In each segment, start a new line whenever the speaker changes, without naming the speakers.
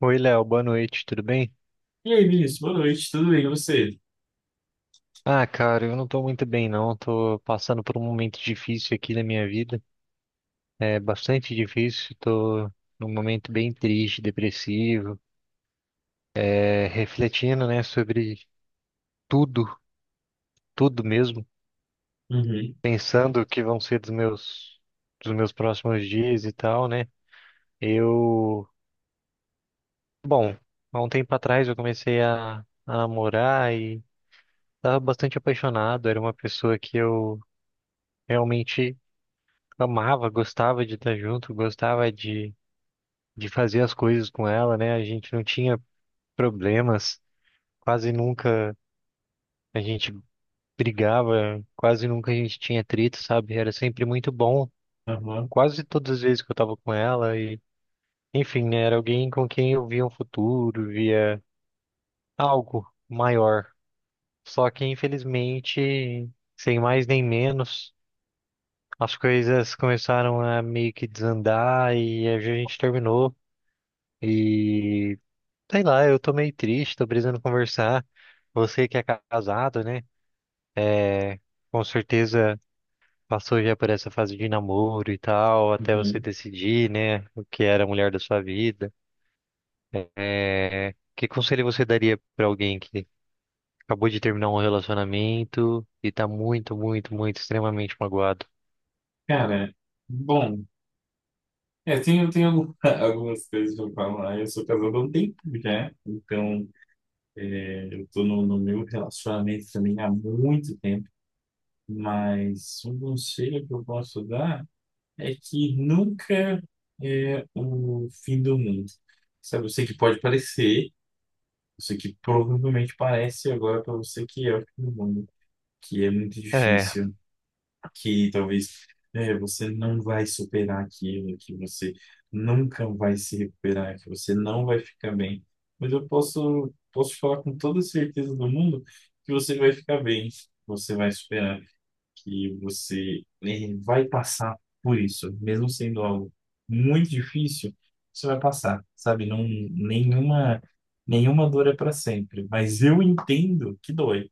Oi, Léo, boa noite, tudo bem?
E aí, Vinícius, boa noite, tudo bem, e você?
Ah, cara, eu não tô muito bem, não. Tô passando por um momento difícil aqui na minha vida. É bastante difícil, tô num momento bem triste, depressivo, refletindo, né, sobre tudo, tudo mesmo,
Uhum,
pensando o que vão ser dos meus próximos dias e tal, né? Eu, bom, há um tempo atrás eu comecei a namorar e tava bastante apaixonado, era uma pessoa que eu realmente amava, gostava de estar junto, gostava de fazer as coisas com ela, né? A gente não tinha problemas, quase nunca a gente brigava, quase nunca a gente tinha atrito, sabe? Era sempre muito bom,
aham,
quase todas as vezes que eu tava com ela e, enfim, né? Era alguém com quem eu via um futuro, via algo maior. Só que, infelizmente, sem mais nem menos, as coisas começaram a meio que desandar e a gente terminou. E sei lá, eu tô meio triste, tô precisando conversar. Você que é casado, né? Com certeza passou já por essa fase de namoro e tal, até você
uhum.
decidir, né, o que era a mulher da sua vida. Que conselho você daria pra alguém que acabou de terminar um relacionamento e tá muito, muito, muito, extremamente magoado?
Cara, bom, tem algumas coisas pra falar. Eu sou casado há um tempo já, então eu tô no meu relacionamento também há muito tempo, mas um conselho que eu posso dar é que nunca é o fim do mundo. Sabe, eu sei que pode parecer, eu sei que provavelmente parece agora pra você que é o fim do mundo, que é muito
É,
difícil. Que talvez você não vai superar aquilo, que você nunca vai se recuperar, que você não vai ficar bem. Mas eu posso te falar com toda certeza do mundo que você vai ficar bem, você vai superar, que você vai passar por isso, mesmo sendo algo muito difícil. Você vai passar, sabe? Não, nenhuma, nenhuma dor é para sempre, mas eu entendo que dói.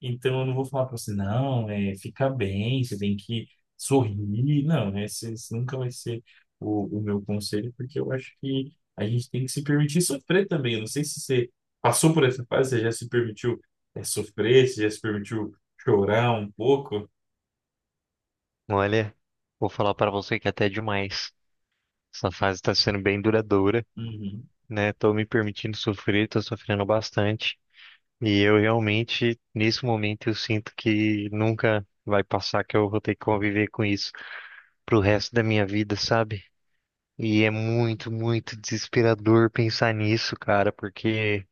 Então, eu não vou falar pra você, não, fica bem, você tem que sorrir. Não, né, esse nunca vai ser o meu conselho, porque eu acho que a gente tem que se permitir sofrer também. Eu não sei se você passou por essa fase, você já se permitiu, sofrer, você já se permitiu chorar um pouco.
Olha, vou falar pra você que até é demais. Essa fase tá sendo bem duradoura,
Uhum,
né? Tô me permitindo sofrer, tô sofrendo bastante. E eu realmente, nesse momento, eu sinto que nunca vai passar, que eu vou ter que conviver com isso pro resto da minha vida, sabe? E é muito, muito desesperador pensar nisso, cara, porque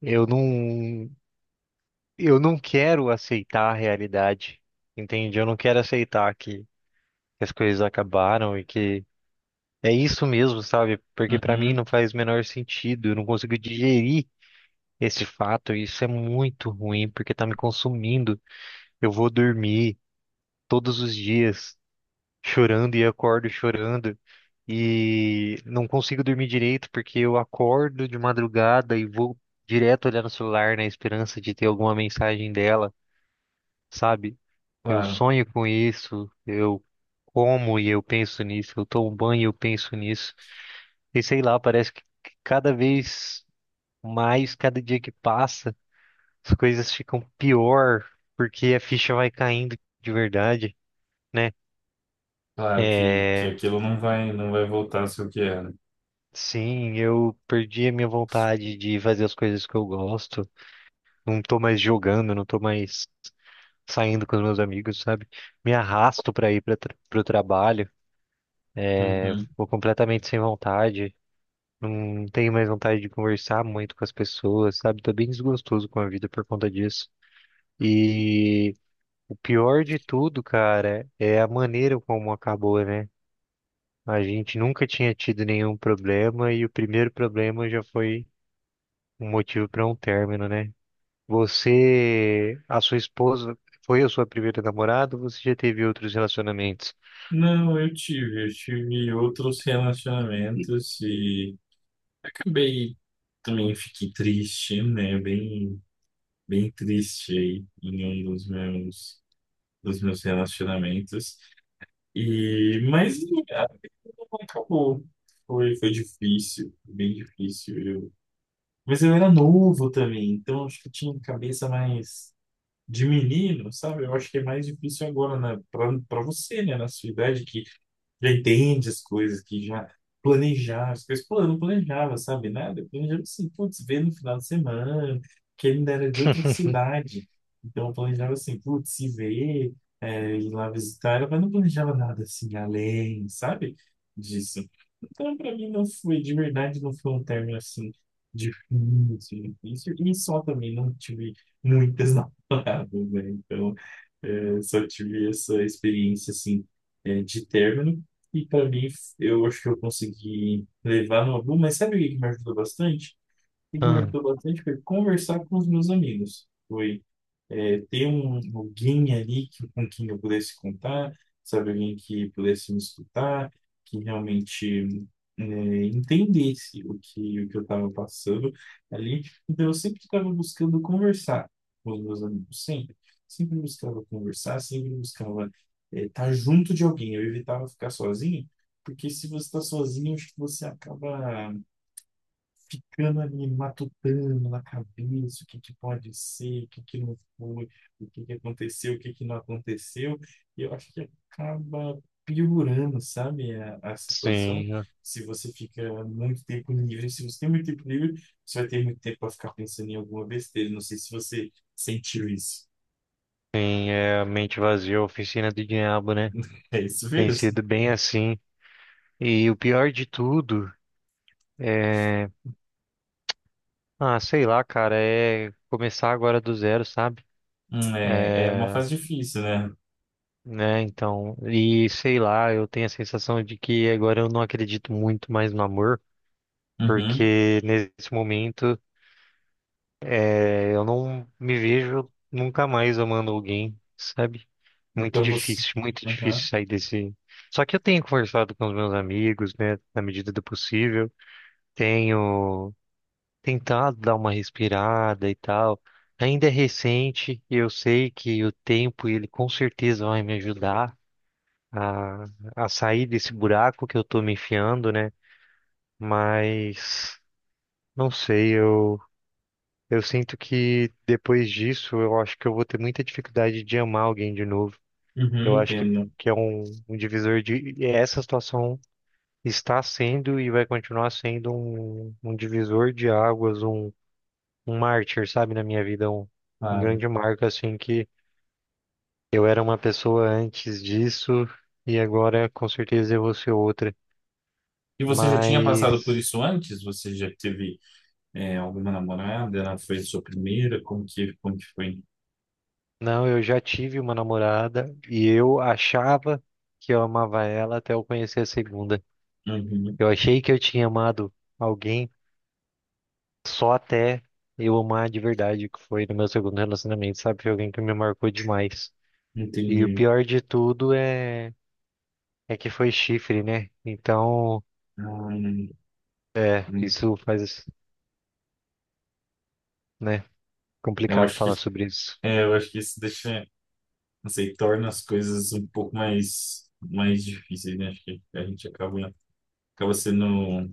eu não, eu não quero aceitar a realidade, entende? Eu não quero aceitar que as coisas acabaram e que é isso mesmo, sabe? Porque pra mim
uhum,
não faz o menor sentido, eu não consigo digerir esse fato, e isso é muito ruim, porque tá me consumindo. Eu vou dormir todos os dias chorando e acordo chorando e não consigo dormir direito porque eu acordo de madrugada e vou direto olhar no celular na esperança de ter alguma mensagem dela, sabe? Eu
claro,
sonho com isso, eu como e eu penso nisso, eu tomo banho e eu penso nisso. E sei lá, parece que cada vez mais, cada dia que passa, as coisas ficam pior porque a ficha vai caindo de verdade, né?
claro que
É.
aquilo não vai voltar a ser o que era.
Sim, eu perdi a minha vontade de fazer as coisas que eu gosto. Não tô mais jogando, não tô mais saindo com os meus amigos, sabe? Me arrasto pra ir para pro trabalho,
Uhum.
vou completamente sem vontade. Não tenho mais vontade de conversar muito com as pessoas, sabe? Tô bem desgostoso com a vida por conta disso. E o pior de tudo, cara, é a maneira como acabou, né? A gente nunca tinha tido nenhum problema e o primeiro problema já foi um motivo para um término, né? Você, a sua esposa, foi a sua primeira namorada ou você já teve outros relacionamentos?
Não, eu tive outros relacionamentos e acabei também fiquei triste, né? Bem, bem triste aí em um dos meus relacionamentos. E mas ah, não acabou. Foi difícil, bem difícil. Eu... mas eu era novo também, então acho que eu tinha cabeça mais de menino, sabe? Eu acho que é mais difícil agora, né? Para você, né? Na sua idade, que já entende as coisas, que já planejava as coisas. Pô, eu não planejava, sabe, nada. Eu planejava assim, putz, ver no final de semana, que ele ainda era de outra cidade. Então, eu planejava assim, putz, se ver, ir lá visitar ela, mas não planejava nada assim, além, sabe, disso. Então, para mim, não foi, de verdade, não foi um término assim, difícil, difícil. E só também não tive muitas namoradas, né? Então, só tive essa experiência, assim, de término e para mim, eu acho que eu consegui levar no aluno. Mas sabe o que que me ajudou bastante? O que que me
Ah,
ajudou bastante foi conversar com os meus amigos. Foi ter um, alguém ali que, com quem eu pudesse contar, sabe? Alguém que pudesse me escutar, que realmente entendesse o que eu estava passando ali. Então, eu sempre estava buscando conversar com os meus amigos, sempre. Sempre buscava conversar, sempre buscava estar junto de alguém. Eu evitava ficar sozinho, porque se você está sozinho, acho que você acaba ficando ali matutando na cabeça o que que pode ser, o que que não foi, o que que aconteceu, o que que não aconteceu, e eu acho que acaba piorando, sabe, a situação.
sim,
Se você fica muito tempo livre, se você tem muito tempo livre, você vai ter muito tempo para ficar pensando em alguma besteira. Não sei se você sentiu isso.
sim, é a mente vazia, a oficina do diabo, né?
É isso
Tem
mesmo.
sido bem assim. E o pior de tudo é, ah, sei lá, cara, é começar agora do zero, sabe?
É, é uma
É,
fase difícil, né?
né, então, e sei lá, eu tenho a sensação de que agora eu não acredito muito mais no amor,
Uhum.
porque nesse momento, eu não me vejo nunca mais amando alguém, sabe?
Então você.
Muito
Uhum.
difícil sair desse. Só que eu tenho conversado com os meus amigos, né, na medida do possível, tenho tentado dar uma respirada e tal. Ainda é recente, e eu sei que o tempo ele com certeza vai me ajudar a, a sair desse buraco que eu tô me enfiando, né? Mas não sei, eu sinto que depois disso eu acho que eu vou ter muita dificuldade de amar alguém de novo.
Uhum,
Eu acho que
entendo.
que é um, um divisor de e essa situação está sendo e vai continuar sendo um, um divisor de águas, um mártir, sabe, na minha vida, um
Claro.
grande marco, assim, que eu era uma pessoa antes disso e agora com certeza eu vou ser outra.
E você já tinha passado por
Mas,
isso antes? Você já teve alguma namorada? Ela foi sua primeira? Como que foi?
não, eu já tive uma namorada e eu achava que eu amava ela até eu conhecer a segunda.
Uhum,
Eu achei que eu tinha amado alguém só até eu amar de verdade, que foi no meu segundo relacionamento, sabe? Foi alguém que me marcou demais. E o
entendi.
pior de tudo é que foi chifre, né? Então,
Hum,
é,
hum.
isso faz, né,
Eu
complicado
acho que,
falar sobre isso.
eu acho que isso deixa, não sei, torna as coisas um pouco mais, mais difíceis, né? Acho que a gente acaba sendo...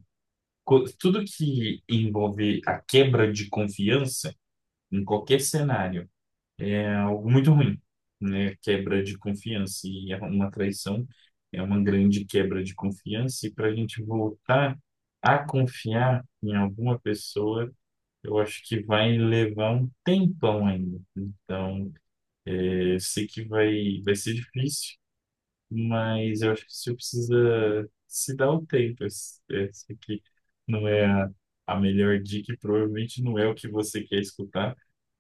tudo que envolve a quebra de confiança em qualquer cenário, é algo muito ruim, né? Quebra de confiança e é uma traição é uma grande quebra de confiança, e para a gente voltar a confiar em alguma pessoa, eu acho que vai levar um tempão ainda. Então, eu sei que vai ser difícil, mas eu acho que você precisa se dar o tempo. Esse aqui não é a melhor dica, e provavelmente não é o que você quer escutar,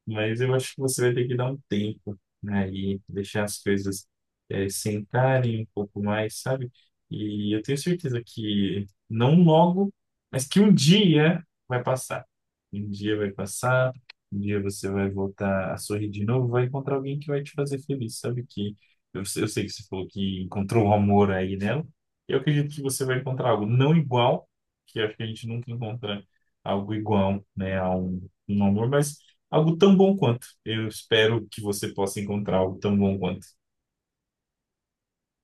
mas eu acho que você vai ter que dar um tempo, né? E deixar as coisas sentarem um pouco mais, sabe? E eu tenho certeza que não logo, mas que um dia vai passar. Um dia vai passar, um dia você vai voltar a sorrir de novo, vai encontrar alguém que vai te fazer feliz, sabe? Que eu sei que você falou que encontrou o amor aí nela. Eu acredito que você vai encontrar algo não igual, que eu acho que a gente nunca encontra algo igual, né? A um amor, mas algo tão bom quanto. Eu espero que você possa encontrar algo tão bom quanto.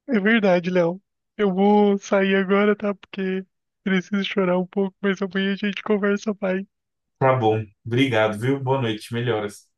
É verdade, Léo. Eu vou sair agora, tá? Porque preciso chorar um pouco, mas amanhã a gente conversa mais.
Tá bom. Obrigado, viu? Boa noite. Melhoras.